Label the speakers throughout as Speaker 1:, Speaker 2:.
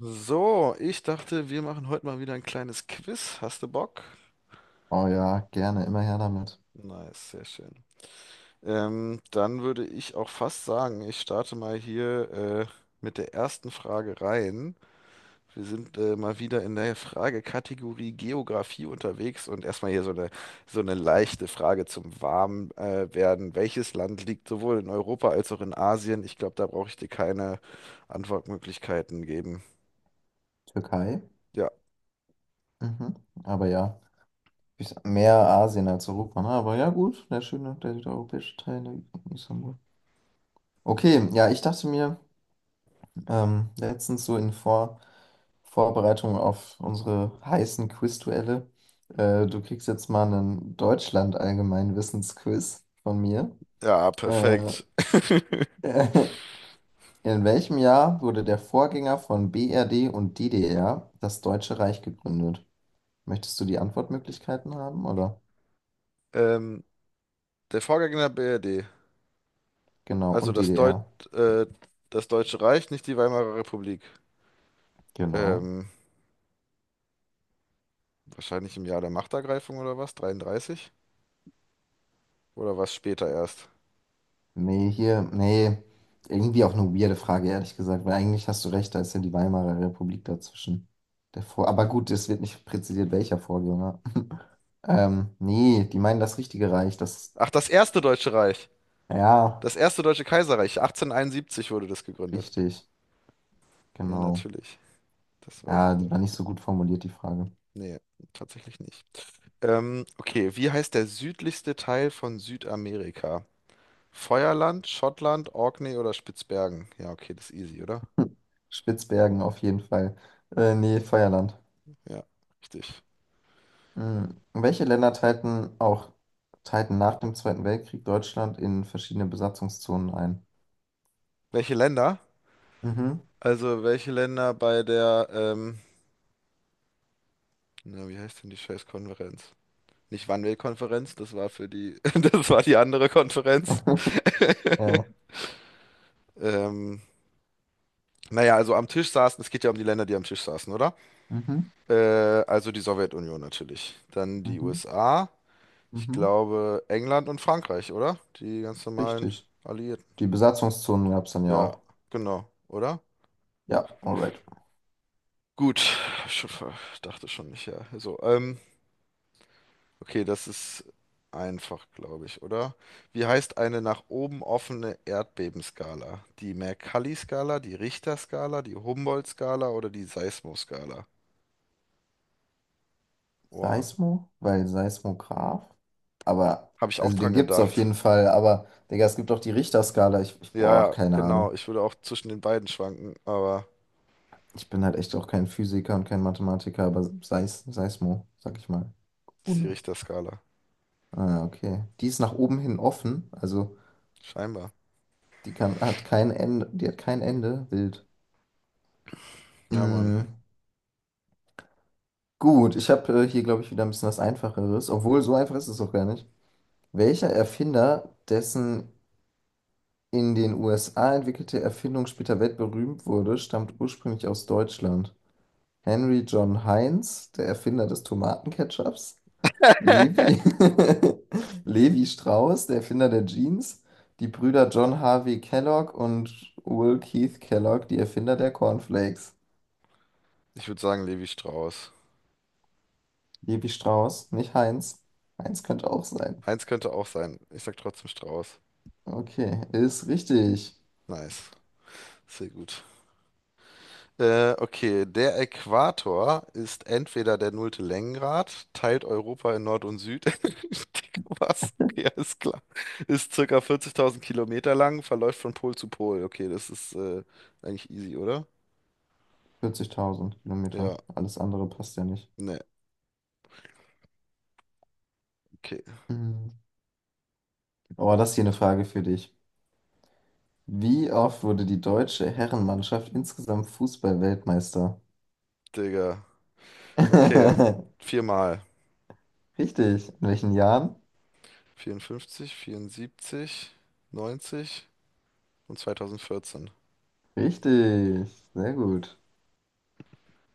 Speaker 1: So, ich dachte, wir machen heute mal wieder ein kleines Quiz. Hast du Bock?
Speaker 2: Oh ja, gerne, immer her damit.
Speaker 1: Nice, sehr schön. Dann würde ich auch fast sagen, ich starte mal hier mit der ersten Frage rein. Wir sind mal wieder in der Fragekategorie Geografie unterwegs und erstmal hier so eine leichte Frage zum Warm werden. Welches Land liegt sowohl in Europa als auch in Asien? Ich glaube, da brauche ich dir keine Antwortmöglichkeiten geben.
Speaker 2: Türkei.
Speaker 1: Ja,
Speaker 2: Mhm. Aber ja, ist mehr Asien als Europa, ne? Aber ja, gut, der schöne, der südeuropäische Teil, der Istanbul. Okay, ja, ich dachte mir, letztens so in Vorbereitung auf unsere heißen Quizduelle, du kriegst jetzt mal einen Deutschland-Allgemeinwissensquiz von mir.
Speaker 1: ja,
Speaker 2: Äh,
Speaker 1: perfekt.
Speaker 2: in welchem Jahr wurde der Vorgänger von BRD und DDR, das Deutsche Reich, gegründet? Möchtest du die Antwortmöglichkeiten haben, oder?
Speaker 1: Ähm, Der Vorgänger der BRD,
Speaker 2: Genau,
Speaker 1: also
Speaker 2: und DDR.
Speaker 1: äh, das Deutsche Reich, nicht die Weimarer Republik.
Speaker 2: Genau.
Speaker 1: Ähm, Wahrscheinlich im Jahr der Machtergreifung oder was? 33? Oder was später erst?
Speaker 2: Nee, hier, nee, irgendwie auch eine weirde Frage, ehrlich gesagt, weil eigentlich hast du recht, da ist ja die Weimarer Republik dazwischen. Der Vor Aber gut, es wird nicht präzisiert, welcher Vorgänger. Nee, die meinen das richtige Reich, das,
Speaker 1: Ach, das erste Deutsche Reich.
Speaker 2: ja,
Speaker 1: Das erste Deutsche Kaiserreich. 1871 wurde das gegründet.
Speaker 2: richtig,
Speaker 1: Ja,
Speaker 2: genau.
Speaker 1: natürlich. Das weiß
Speaker 2: Ja,
Speaker 1: ich
Speaker 2: die
Speaker 1: doch.
Speaker 2: war nicht so gut formuliert, die Frage.
Speaker 1: Nee, tatsächlich nicht. Okay, wie heißt der südlichste Teil von Südamerika? Feuerland, Schottland, Orkney oder Spitzbergen? Ja, okay, das ist easy, oder?
Speaker 2: Spitzbergen auf jeden Fall. Nee, Feuerland.
Speaker 1: Ja, richtig.
Speaker 2: Mhm. Welche Länder teilten nach dem Zweiten Weltkrieg Deutschland in verschiedene Besatzungszonen ein?
Speaker 1: Welche Länder?
Speaker 2: Mhm.
Speaker 1: Also welche Länder bei der, na, wie heißt denn die scheiß Konferenz? Nicht Wannsee-Konferenz, das war für die, das war die andere Konferenz.
Speaker 2: Ja.
Speaker 1: Ähm, naja, also am Tisch saßen, es geht ja um die Länder, die am Tisch saßen, oder?
Speaker 2: Mhm.
Speaker 1: Äh, also die Sowjetunion natürlich. Dann die
Speaker 2: Mhm.
Speaker 1: USA, ich
Speaker 2: Mhm.
Speaker 1: glaube England und Frankreich, oder? Die ganz normalen
Speaker 2: Richtig.
Speaker 1: Alliierten.
Speaker 2: Die Besatzungszonen gab es dann ja
Speaker 1: Ja,
Speaker 2: auch.
Speaker 1: genau, oder?
Speaker 2: Ja, alright.
Speaker 1: Gut, ich dachte schon nicht, ja. So, okay, das ist einfach, glaube ich, oder? Wie heißt eine nach oben offene Erdbebenskala? Die Mercalli-Skala, die Richter-Skala, die Humboldt-Skala oder die Seismoskala? Wow,
Speaker 2: Seismo, weil Seismograph. Aber,
Speaker 1: habe ich auch
Speaker 2: also den
Speaker 1: dran
Speaker 2: gibt es auf
Speaker 1: gedacht.
Speaker 2: jeden Fall, aber, Digga, es gibt auch die Richterskala. Ich
Speaker 1: Ja,
Speaker 2: boah,
Speaker 1: ja,
Speaker 2: keine Ahnung.
Speaker 1: genau. Ich würde auch zwischen den beiden schwanken, aber
Speaker 2: Ich bin halt echt auch kein Physiker und kein Mathematiker, aber Seismo, sag ich mal.
Speaker 1: das ist die
Speaker 2: Ohne.
Speaker 1: Richter-Skala.
Speaker 2: Ah, okay. Die ist nach oben hin offen, also
Speaker 1: Scheinbar.
Speaker 2: die kann, hat kein Ende, die hat kein Ende. Wild.
Speaker 1: Ja, Mann.
Speaker 2: Mm, gut, ich habe hier, glaube ich, wieder ein bisschen was Einfacheres, obwohl so einfach ist es auch gar nicht. Welcher Erfinder, dessen in den USA entwickelte Erfindung später weltberühmt wurde, stammt ursprünglich aus Deutschland? Henry John Heinz, der Erfinder des Tomatenketchups? Levi, Levi Strauss, der Erfinder der Jeans? Die Brüder John Harvey Kellogg und Will Keith Kellogg, die Erfinder der Cornflakes.
Speaker 1: Ich würde sagen Levi Strauss.
Speaker 2: Levi Strauss, nicht Heinz. Heinz könnte auch sein.
Speaker 1: Eins könnte auch sein. Ich sag trotzdem Strauss.
Speaker 2: Okay, ist richtig.
Speaker 1: Nice. Sehr gut. Okay, der Äquator ist entweder der nullte Längengrad, teilt Europa in Nord und Süd. Dick, was? Ja, ist klar. Ist circa 40.000 Kilometer lang, verläuft von Pol zu Pol. Okay, das ist eigentlich easy, oder?
Speaker 2: 40.000
Speaker 1: Ja,
Speaker 2: Kilometer. Alles andere passt ja nicht.
Speaker 1: ne, okay.
Speaker 2: Mhm. Oh, das ist hier eine Frage für dich. Wie oft wurde die deutsche Herrenmannschaft insgesamt Fußball-Weltmeister?
Speaker 1: Digga. Okay, viermal.
Speaker 2: Richtig. In welchen Jahren?
Speaker 1: 54, 74, 90 und 2014.
Speaker 2: Richtig. Sehr gut.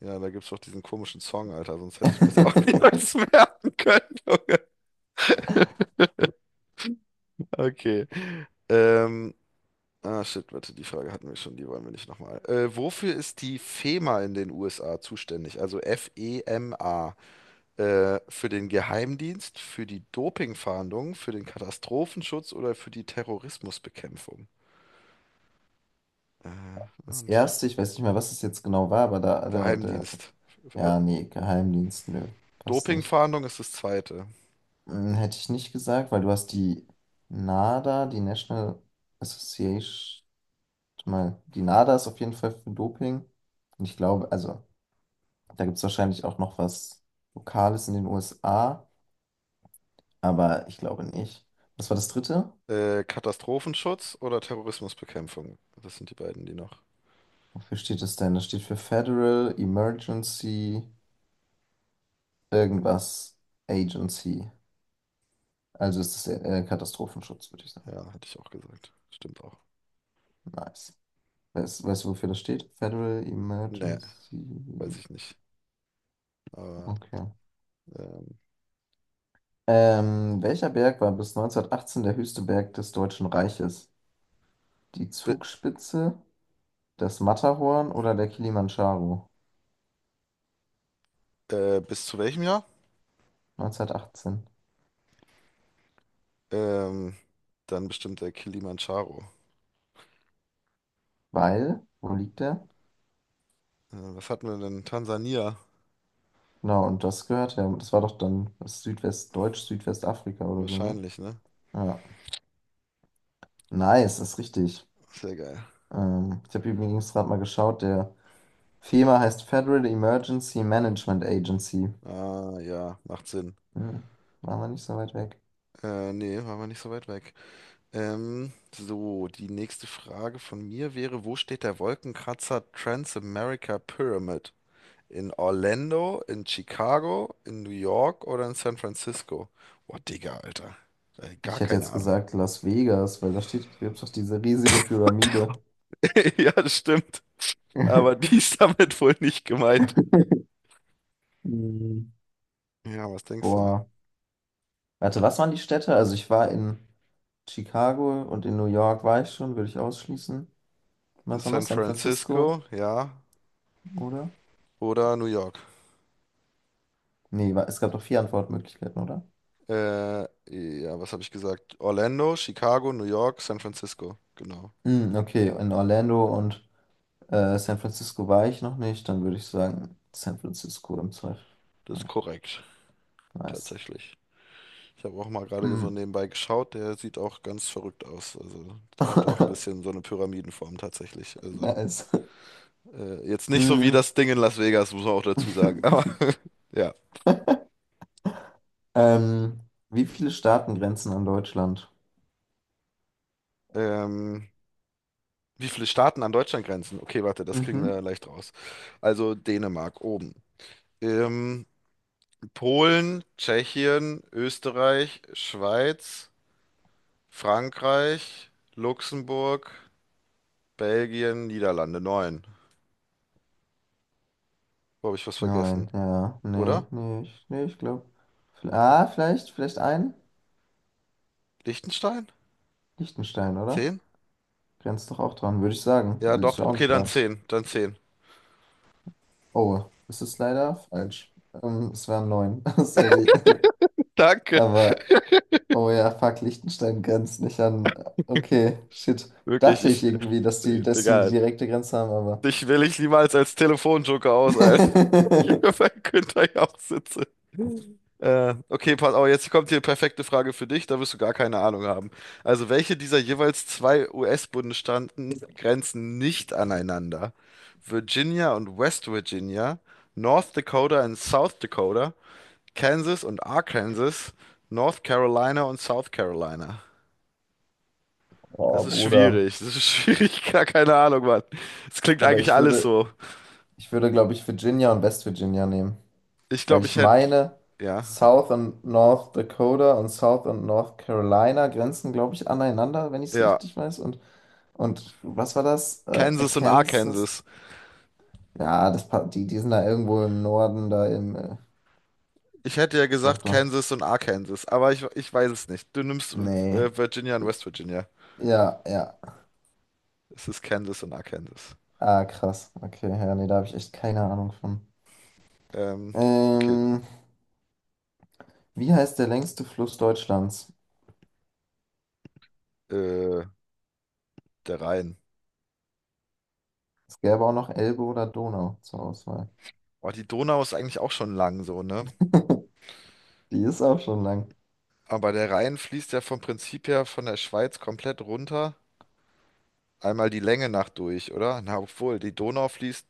Speaker 1: Ja, da gibt's doch diesen komischen Song, Alter, sonst hätte ich mir das auch niemals merken können. Okay. Ähm, Ah, shit, warte, die Frage hatten wir schon, die wollen wir nicht nochmal. Wofür ist die FEMA in den USA zuständig? Also FEMA. Für den Geheimdienst, für die Dopingfahndung, für den Katastrophenschutz oder für die Terrorismusbekämpfung? Äh,
Speaker 2: Das
Speaker 1: und
Speaker 2: erste, ich weiß nicht mehr, was es jetzt genau war, aber
Speaker 1: Geheimdienst. Äh,
Speaker 2: ja, nee, Geheimdienst, nö, passt nicht.
Speaker 1: Dopingfahndung ist das zweite.
Speaker 2: Hm, hätte ich nicht gesagt, weil du hast die NADA, die National Association, warte mal, die NADA ist auf jeden Fall für Doping. Und ich glaube, also, da gibt es wahrscheinlich auch noch was Lokales in den USA, aber ich glaube nicht. Was war das dritte?
Speaker 1: Katastrophenschutz oder Terrorismusbekämpfung? Das sind die beiden, die noch.
Speaker 2: Wofür steht das denn? Das steht für Federal Emergency irgendwas Agency. Also ist das Katastrophenschutz, würde ich sagen.
Speaker 1: Ja, hatte ich auch gesagt. Stimmt auch.
Speaker 2: Nice. Weißt du, wofür das steht? Federal
Speaker 1: Nee,
Speaker 2: Emergency.
Speaker 1: weiß ich nicht. Aber
Speaker 2: Okay.
Speaker 1: ähm,
Speaker 2: Welcher Berg war bis 1918 der höchste Berg des Deutschen Reiches? Die
Speaker 1: bi-
Speaker 2: Zugspitze, das Matterhorn oder der Kilimandscharo?
Speaker 1: Bis zu welchem Jahr?
Speaker 2: 1918.
Speaker 1: Ähm, Dann bestimmt der Kilimanjaro.
Speaker 2: Weil, wo liegt der?
Speaker 1: Was hatten wir denn? Tansania?
Speaker 2: Genau, und das gehört ja, das war doch dann das Südwestdeutsch, Südwestafrika oder so, ne?
Speaker 1: Wahrscheinlich, ne?
Speaker 2: Ja. Nice, ist richtig.
Speaker 1: Sehr geil.
Speaker 2: Ich habe übrigens gerade mal geschaut, der FEMA heißt Federal Emergency Management Agency.
Speaker 1: Ah, ja, macht Sinn.
Speaker 2: Hm, waren wir nicht so weit weg.
Speaker 1: Nee, waren wir nicht so weit weg. So, die nächste Frage von mir wäre, wo steht der Wolkenkratzer Transamerica Pyramid? In Orlando, in Chicago, in New York oder in San Francisco? Boah, Digga, Alter. Gar
Speaker 2: Ich hätte
Speaker 1: keine
Speaker 2: jetzt
Speaker 1: Ahnung.
Speaker 2: gesagt Las Vegas, weil da steht, gibt's doch diese riesige Pyramide.
Speaker 1: Ja, das stimmt. Aber die ist damit wohl nicht gemeint.
Speaker 2: Hm,
Speaker 1: Ja, was denkst du?
Speaker 2: boah. Warte, was waren die Städte? Also ich war in Chicago und in New York war ich schon, würde ich ausschließen.
Speaker 1: In
Speaker 2: Was war noch?
Speaker 1: San
Speaker 2: San Francisco,
Speaker 1: Francisco, ja,
Speaker 2: oder?
Speaker 1: oder New York?
Speaker 2: Nee, war, es gab doch vier Antwortmöglichkeiten, oder?
Speaker 1: Äh, ja, was habe ich gesagt? Orlando, Chicago, New York, San Francisco. Genau,
Speaker 2: Hm, okay, in Orlando und San Francisco war ich noch nicht. Dann würde ich sagen San Francisco im Zweifel.
Speaker 1: das ist
Speaker 2: Ja,
Speaker 1: korrekt,
Speaker 2: nice.
Speaker 1: tatsächlich. Ich habe auch mal gerade so
Speaker 2: Hm.
Speaker 1: nebenbei geschaut, der sieht auch ganz verrückt aus. Also, der hat auch ein bisschen so eine Pyramidenform tatsächlich. Also,
Speaker 2: Nice.
Speaker 1: jetzt nicht so wie
Speaker 2: Hm.
Speaker 1: das Ding in Las Vegas, muss man auch dazu sagen. Aber ja.
Speaker 2: Ähm, wie viele Staaten grenzen an Deutschland?
Speaker 1: Ähm, Wie viele Staaten an Deutschland grenzen? Okay, warte, das kriegen wir
Speaker 2: Mhm.
Speaker 1: leicht raus. Also Dänemark oben. Ähm, Polen, Tschechien, Österreich, Schweiz, Frankreich, Luxemburg, Belgien, Niederlande. Neun. Wo habe ich was
Speaker 2: Neun,
Speaker 1: vergessen?
Speaker 2: ja. Nee,
Speaker 1: Oder?
Speaker 2: nee, ich, nee, ich glaube. Ah, vielleicht ein?
Speaker 1: Liechtenstein?
Speaker 2: Liechtenstein, oder?
Speaker 1: Zehn?
Speaker 2: Grenzt doch auch dran, würde ich sagen.
Speaker 1: Ja,
Speaker 2: Weil ist
Speaker 1: doch.
Speaker 2: ja auch ein
Speaker 1: Okay, dann
Speaker 2: Staat.
Speaker 1: zehn. Dann zehn.
Speaker 2: Oh, es ist leider falsch. Es wären neun. Sorry.
Speaker 1: Danke.
Speaker 2: Aber, oh ja, fuck, Liechtenstein grenzt nicht an. Okay, shit.
Speaker 1: Wirklich,
Speaker 2: Dachte ich
Speaker 1: ich.
Speaker 2: irgendwie, dass die eine
Speaker 1: Digga,
Speaker 2: direkte Grenze haben, aber.
Speaker 1: dich will ich niemals als Telefonjoker aus, Alter. Hier bei Günther auch sitze. Okay, pass auf, jetzt kommt hier perfekte Frage für dich, da wirst du gar keine Ahnung haben. Also, welche dieser jeweils zwei US-Bundesstaaten grenzen nicht aneinander? Virginia und West Virginia, North Dakota und South Dakota, Kansas und Arkansas, North Carolina und South Carolina.
Speaker 2: Oh, Bruder.
Speaker 1: Das ist schwierig, gar keine Ahnung, Mann. Es klingt
Speaker 2: Aber
Speaker 1: eigentlich
Speaker 2: ich
Speaker 1: alles
Speaker 2: würde,
Speaker 1: so.
Speaker 2: Ich würde, glaube ich, Virginia und West Virginia nehmen,
Speaker 1: Ich
Speaker 2: weil
Speaker 1: glaube,
Speaker 2: ich
Speaker 1: ich hätte,
Speaker 2: meine,
Speaker 1: ja,
Speaker 2: South und North Dakota und South und North Carolina grenzen, glaube ich, aneinander, wenn ich es
Speaker 1: ja,
Speaker 2: richtig weiß. Und was war das?
Speaker 1: Kansas und
Speaker 2: Arkansas?
Speaker 1: Arkansas.
Speaker 2: Ja, das, die sind da irgendwo im Norden, da im.
Speaker 1: Ich hätte ja
Speaker 2: Doch,
Speaker 1: gesagt
Speaker 2: doch.
Speaker 1: Kansas und Arkansas, aber ich weiß es nicht. Du nimmst
Speaker 2: Nee.
Speaker 1: Virginia und West Virginia.
Speaker 2: Ja, ja.
Speaker 1: Es ist Kansas und Arkansas.
Speaker 2: Ah, krass. Okay, ja, nee, da habe ich echt keine Ahnung von.
Speaker 1: Ähm, okay,
Speaker 2: Ähm, wie heißt der längste Fluss Deutschlands?
Speaker 1: äh, der Rhein.
Speaker 2: Es gäbe auch noch Elbe oder Donau zur Auswahl.
Speaker 1: Oh, die Donau ist eigentlich auch schon lang so, ne?
Speaker 2: Die ist auch schon lang.
Speaker 1: Aber der Rhein fließt ja vom Prinzip her von der Schweiz komplett runter. Einmal die Länge nach durch, oder? Na, obwohl, die Donau fließt.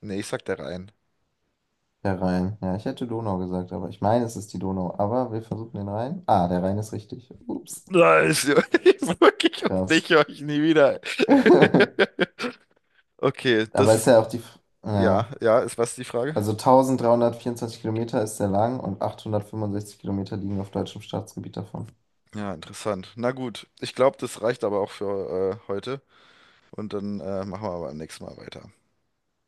Speaker 1: Nee, ich sag der Rhein.
Speaker 2: Der Rhein. Ja, ich hätte Donau gesagt, aber ich meine, es ist die Donau. Aber wir versuchen den Rhein. Ah, der Rhein ist richtig. Ups.
Speaker 1: Nein, ich wirklich auf
Speaker 2: Krass.
Speaker 1: dich höre ich nie wieder. Okay, das
Speaker 2: Aber ist
Speaker 1: ist.
Speaker 2: ja auch die. F- Ja.
Speaker 1: Ja, ja, ist was die Frage?
Speaker 2: Also 1324 Kilometer ist sehr lang und 865 Kilometer liegen auf deutschem Staatsgebiet davon.
Speaker 1: Ja, interessant. Na gut, ich glaube, das reicht aber auch für heute. Und dann machen wir beim nächsten Mal weiter.